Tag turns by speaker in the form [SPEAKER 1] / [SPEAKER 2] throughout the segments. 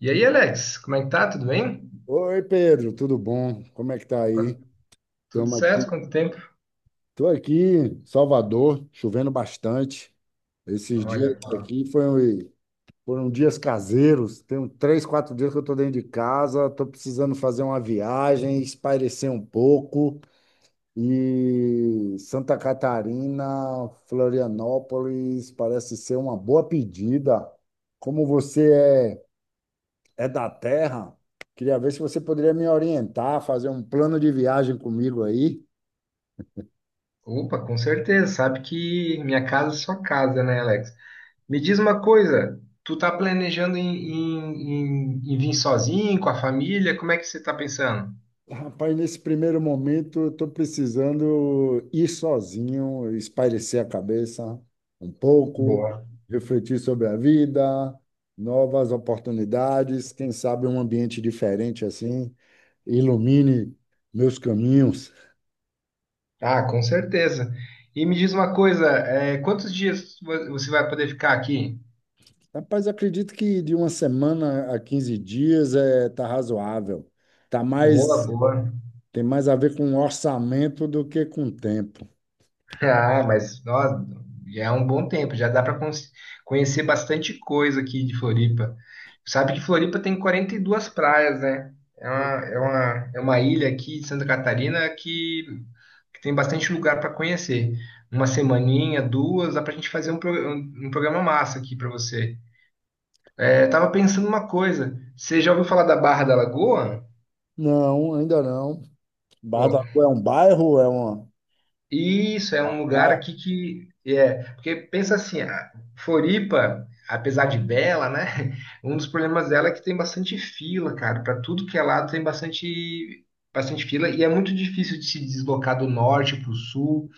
[SPEAKER 1] E aí, Alex, como é que tá? Tudo bem?
[SPEAKER 2] Oi, Pedro, tudo bom? Como é que tá aí?
[SPEAKER 1] Quanto- Tudo
[SPEAKER 2] Estamos
[SPEAKER 1] certo?
[SPEAKER 2] aqui.
[SPEAKER 1] Quanto tempo?
[SPEAKER 2] Estou aqui em Salvador, chovendo bastante. Esses dias
[SPEAKER 1] Olha só.
[SPEAKER 2] aqui foram dias caseiros. Tem uns três, quatro dias que eu estou dentro de casa. Estou precisando fazer uma viagem, espairecer um pouco. E Santa Catarina, Florianópolis, parece ser uma boa pedida. Como você é da terra. Queria ver se você poderia me orientar, fazer um plano de viagem comigo aí.
[SPEAKER 1] Opa, com certeza. Sabe que minha casa é sua casa, né, Alex? Me diz uma coisa, tu tá planejando em vir sozinho, com a família? Como é que você tá pensando?
[SPEAKER 2] Rapaz, nesse primeiro momento, eu estou precisando ir sozinho, espairecer a cabeça um pouco,
[SPEAKER 1] Boa.
[SPEAKER 2] refletir sobre a vida, novas oportunidades, quem sabe um ambiente diferente assim, ilumine meus caminhos.
[SPEAKER 1] Ah, com certeza. E me diz uma coisa, é, quantos dias você vai poder ficar aqui?
[SPEAKER 2] Rapaz, acredito que de uma semana a 15 dias é, tá razoável. Tá
[SPEAKER 1] Boa,
[SPEAKER 2] mais.
[SPEAKER 1] boa.
[SPEAKER 2] Tem mais a ver com orçamento do que com tempo.
[SPEAKER 1] Ah, mas nossa, já é um bom tempo, já dá para conhecer bastante coisa aqui de Floripa. Sabe que Floripa tem 42 praias, né? É uma ilha aqui de Santa Catarina que tem bastante lugar para conhecer. Uma semaninha, duas, dá pra gente fazer um programa massa aqui para você. É, tava pensando uma coisa, você já ouviu falar da Barra da Lagoa?
[SPEAKER 2] Não, ainda não. Barra da Rua é um bairro, é
[SPEAKER 1] Isso é
[SPEAKER 2] uma
[SPEAKER 1] um lugar
[SPEAKER 2] praia.
[SPEAKER 1] aqui que é, porque pensa assim, a Floripa, apesar de bela, né? Um dos problemas dela é que tem bastante fila, cara, para tudo que é lado tem bastante fila e é muito difícil de se deslocar do norte para o sul,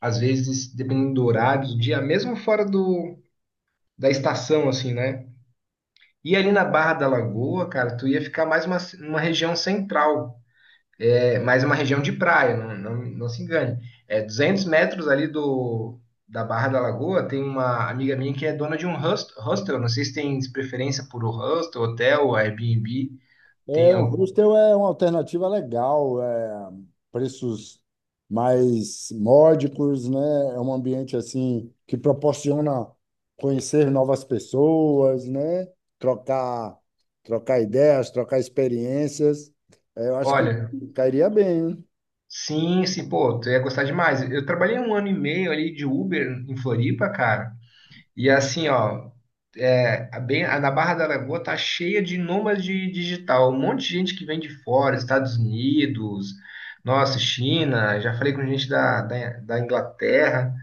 [SPEAKER 1] às vezes dependendo do horário do dia, mesmo fora do da estação assim, né? E ali na Barra da Lagoa, cara, tu ia ficar mais uma região central, é mais uma região de praia, não, não, não se engane. É 200 metros ali da Barra da Lagoa, tem uma amiga minha que é dona de um hostel, não sei se tem preferência por hostel, hotel, Airbnb,
[SPEAKER 2] É,
[SPEAKER 1] tem
[SPEAKER 2] o
[SPEAKER 1] algo.
[SPEAKER 2] hostel é uma alternativa legal, é preços mais módicos, né? É um ambiente assim que proporciona conhecer novas pessoas, né? Trocar, trocar ideias, trocar experiências. É, eu acho que
[SPEAKER 1] Olha,
[SPEAKER 2] cairia bem, hein?
[SPEAKER 1] sim, sim, pô, tu ia gostar demais. Eu trabalhei um ano e meio ali de Uber em Floripa, cara. E assim, ó, é, a bem, na Barra da Lagoa tá cheia de nômade digital, um monte de gente que vem de fora, Estados Unidos, nossa, China, já falei com gente da Inglaterra,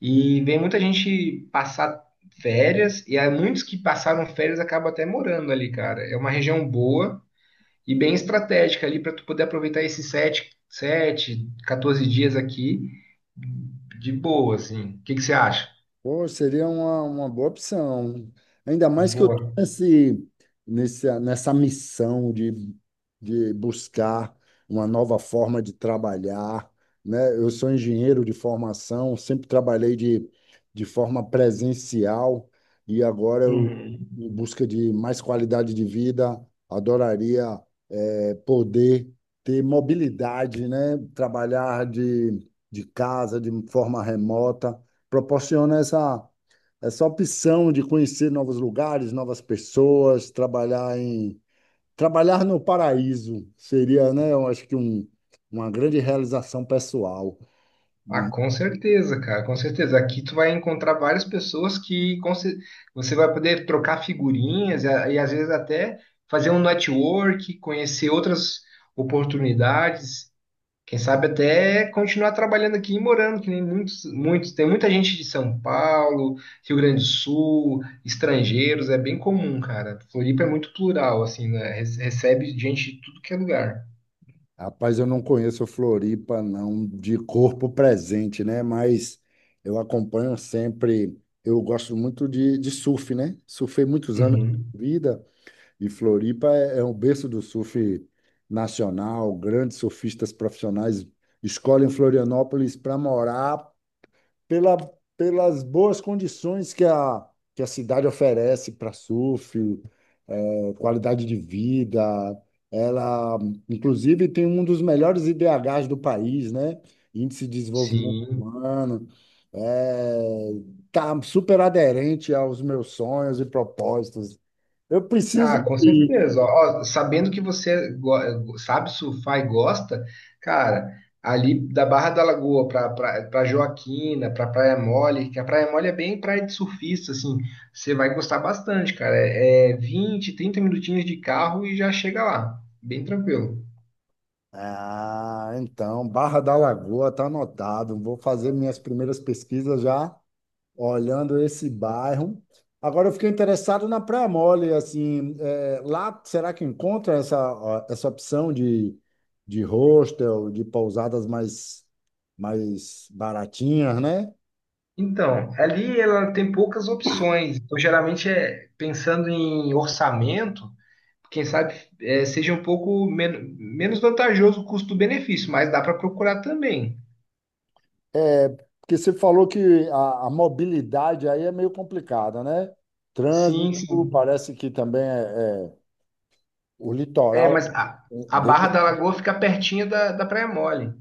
[SPEAKER 1] e vem muita gente passar férias, e há muitos que passaram férias acabam até morando ali, cara. É uma região boa e bem estratégica ali para tu poder aproveitar esses 14 dias aqui de boa, assim. O que que você acha?
[SPEAKER 2] Pô, seria uma boa opção. Ainda mais que eu tô
[SPEAKER 1] Boa.
[SPEAKER 2] nesse, nessa missão de buscar uma nova forma de trabalhar, né? Eu sou engenheiro de formação, sempre trabalhei de forma presencial e agora eu,
[SPEAKER 1] Uhum.
[SPEAKER 2] em busca de mais qualidade de vida, adoraria é, poder ter mobilidade, né? Trabalhar de casa, de forma remota, proporciona essa, essa opção de conhecer novos lugares, novas pessoas, trabalhar no paraíso seria, né? Eu acho que um, uma grande realização pessoal.
[SPEAKER 1] Ah, com certeza, cara, com certeza. Aqui tu vai encontrar várias pessoas que você vai poder trocar figurinhas e, e às vezes até fazer um network, conhecer outras oportunidades, quem sabe até continuar trabalhando aqui e morando, que nem tem muita gente de São Paulo, Rio Grande do Sul, estrangeiros, é bem comum, cara. Floripa é muito plural, assim, né? Recebe gente de tudo que é lugar.
[SPEAKER 2] Rapaz, eu não conheço Floripa, não, de corpo presente, né? Mas eu acompanho sempre. Eu gosto muito de surf, né? Surfei muitos anos de
[SPEAKER 1] Uhum.
[SPEAKER 2] vida e Floripa é, é um berço do surf nacional. Grandes surfistas profissionais escolhem Florianópolis para morar pela, pelas boas condições que a cidade oferece para surf, qualidade de vida. Ela, inclusive, tem um dos melhores IDHs do país, né? Índice de Desenvolvimento
[SPEAKER 1] Sim.
[SPEAKER 2] Humano. É, tá super aderente aos meus sonhos e propósitos. Eu preciso
[SPEAKER 1] Ah, com
[SPEAKER 2] ir.
[SPEAKER 1] certeza. Ó, ó, sabendo que você sabe surfar e gosta, cara, ali da Barra da Lagoa para pra Joaquina, para Praia Mole, que a Praia Mole é bem praia de surfista, assim, você vai gostar bastante, cara. 20, 30 minutinhos de carro e já chega lá, bem tranquilo.
[SPEAKER 2] Ah, então, Barra da Lagoa tá anotado. Vou fazer minhas primeiras pesquisas já olhando esse bairro. Agora eu fiquei interessado na Praia Mole, assim, é, lá será que encontra essa, ó, essa opção de hostel, de pousadas mais, mais baratinhas, né?
[SPEAKER 1] Então, ali ela tem poucas opções. Então, geralmente é pensando em orçamento. Quem sabe é, seja um pouco menos vantajoso o custo-benefício, mas dá para procurar também.
[SPEAKER 2] É, porque você falou que a mobilidade aí é meio complicada, né? Trânsito,
[SPEAKER 1] Sim, sim.
[SPEAKER 2] parece que também é o
[SPEAKER 1] É,
[SPEAKER 2] litoral
[SPEAKER 1] mas
[SPEAKER 2] é
[SPEAKER 1] a Barra
[SPEAKER 2] denso.
[SPEAKER 1] da Lagoa fica pertinho da Praia Mole.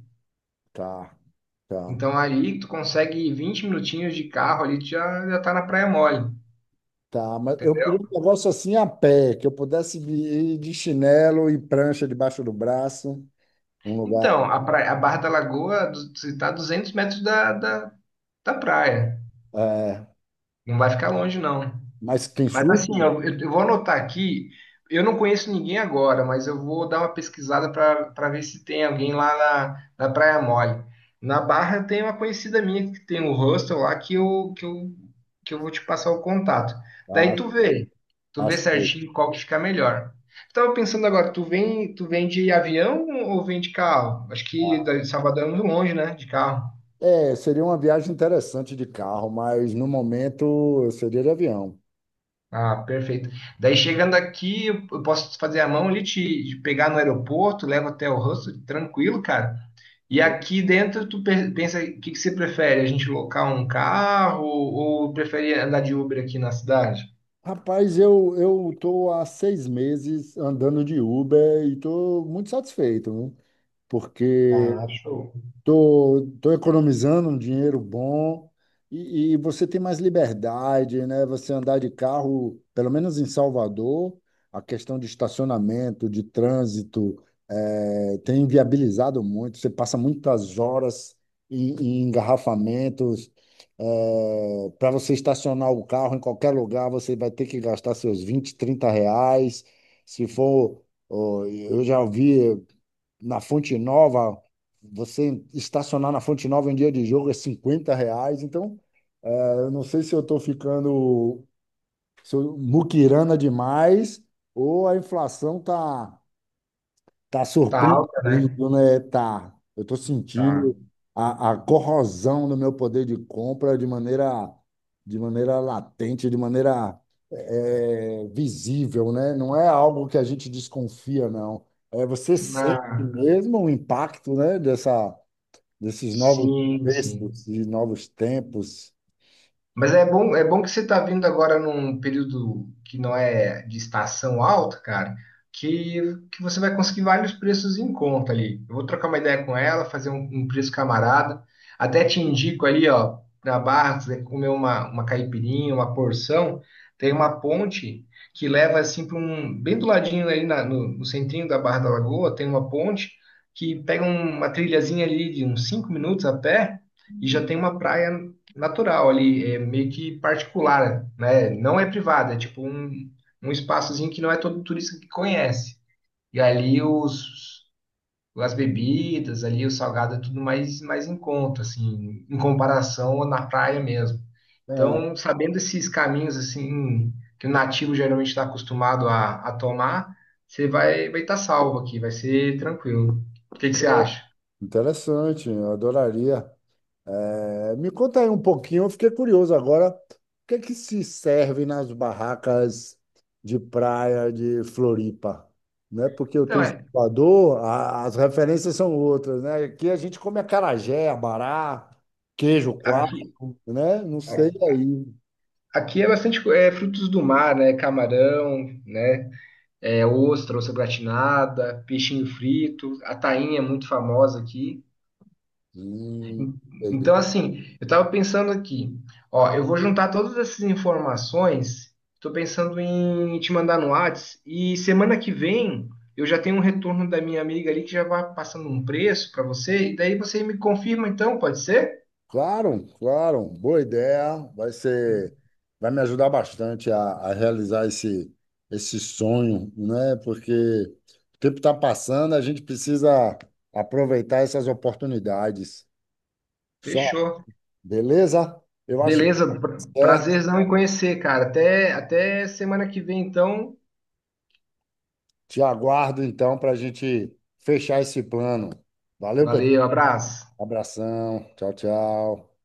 [SPEAKER 2] Tá, tá.
[SPEAKER 1] Então ali tu consegue 20 minutinhos de carro ali, tu já tá na Praia Mole.
[SPEAKER 2] Tá, mas eu queria um negócio assim a pé, que eu pudesse ir de chinelo e prancha debaixo do braço, um lugar.
[SPEAKER 1] Então, a, a Barra da Lagoa você tá a 200 metros da praia.
[SPEAKER 2] É,
[SPEAKER 1] Não vai ficar longe, não.
[SPEAKER 2] mas quem
[SPEAKER 1] Mas assim,
[SPEAKER 2] supre?
[SPEAKER 1] eu vou anotar aqui. Eu não conheço ninguém agora, mas eu vou dar uma pesquisada para ver se tem alguém lá na Praia Mole. Na Barra tem uma conhecida minha que tem um hostel lá que eu vou te passar o contato. Daí
[SPEAKER 2] Ah,
[SPEAKER 1] tu
[SPEAKER 2] ah,
[SPEAKER 1] vê
[SPEAKER 2] sei.
[SPEAKER 1] certinho qual que fica melhor. Estava pensando agora, tu vem de avião ou vem de carro? Acho que de Salvador é muito longe, né? De carro.
[SPEAKER 2] É, seria uma viagem interessante de carro, mas no momento eu seria de avião.
[SPEAKER 1] Ah, perfeito. Daí chegando aqui, eu posso fazer a mão ali, te pegar no aeroporto, levo até o hostel, tranquilo, cara. E aqui dentro, tu pensa, o que que você prefere? A gente locar um carro ou prefere andar de Uber aqui na cidade?
[SPEAKER 2] Rapaz, eu tô há 6 meses andando de Uber e tô muito satisfeito, né? Porque
[SPEAKER 1] Ah, show.
[SPEAKER 2] tô economizando um dinheiro bom e você tem mais liberdade, né? Você andar de carro, pelo menos em Salvador, a questão de estacionamento, de trânsito, tem inviabilizado muito. Você passa muitas horas em, em engarrafamentos. Para você estacionar o carro em qualquer lugar, você vai ter que gastar seus 20, 30 reais. Se for, ó, eu já vi na Fonte Nova, você estacionar na Fonte Nova em dia de jogo é 50 reais. Então, é, eu não sei se eu estou ficando se eu, muquirana demais, ou a inflação tá. Tá
[SPEAKER 1] Tá alta, né?
[SPEAKER 2] surpreendendo, né? Tá. Eu estou
[SPEAKER 1] Tá.
[SPEAKER 2] sentindo a corrosão do meu poder de compra de maneira latente, de maneira é, visível, né? Não é algo que a gente desconfia, não. É, você
[SPEAKER 1] Na...
[SPEAKER 2] sente mesmo o impacto, né? Dessa, desses novos
[SPEAKER 1] Sim, sim.
[SPEAKER 2] textos, de novos tempos.
[SPEAKER 1] Mas é bom que você está vindo agora num período que não é de estação alta, cara, que, que você vai conseguir vários preços em conta ali. Eu vou trocar uma ideia com ela, fazer um preço camarada. Até te indico ali, ó, na Barra, se você comer uma caipirinha, uma porção, tem uma ponte que leva assim para um. Bem do ladinho ali no centrinho da Barra da Lagoa, tem uma ponte que pega um, uma trilhazinha ali de uns 5 minutos a pé e já tem uma praia natural ali, é meio que particular, né? Não é privada, é tipo um, um espaçozinho que não é todo turista que conhece. E ali as bebidas, ali o salgado é tudo mais, mais em conta, assim, em comparação na praia mesmo.
[SPEAKER 2] É,
[SPEAKER 1] Então, sabendo esses caminhos, assim, que o nativo geralmente está acostumado a tomar, você vai estar salvo aqui, vai ser tranquilo. O que que você acha?
[SPEAKER 2] interessante, eu adoraria. É, é, me conta aí um pouquinho, eu fiquei curioso agora, o que é que se serve nas barracas de praia de Floripa, né? Porque eu estou
[SPEAKER 1] Então,
[SPEAKER 2] em
[SPEAKER 1] é,
[SPEAKER 2] Salvador, a- as referências são outras, né? Aqui a gente come acarajé, abará, queijo coalho,
[SPEAKER 1] aqui,
[SPEAKER 2] né? Não sei aí.
[SPEAKER 1] Aqui é bastante é, frutos do mar, né? Camarão, né? É, ostra, ostra gratinada, peixinho frito, a tainha é muito famosa aqui.
[SPEAKER 2] Hum,
[SPEAKER 1] Então, assim, eu estava pensando aqui, ó, eu vou juntar todas essas informações, estou pensando em te mandar no Whats, e semana que vem eu já tenho um retorno da minha amiga ali que já vai passando um preço para você, e daí você me confirma então, pode ser?
[SPEAKER 2] Claro, claro, boa ideia. Vai ser, vai me ajudar bastante a realizar esse, esse sonho, né? Porque o tempo está passando, a gente precisa aproveitar essas oportunidades. Só,
[SPEAKER 1] Fechou.
[SPEAKER 2] beleza? Eu acho
[SPEAKER 1] Beleza,
[SPEAKER 2] que é.
[SPEAKER 1] prazerzão em conhecer, cara. Até, até semana que vem, então.
[SPEAKER 2] Te aguardo então para a gente fechar esse plano. Valeu, Pedro.
[SPEAKER 1] Valeu, abraço.
[SPEAKER 2] Abração. Tchau, tchau.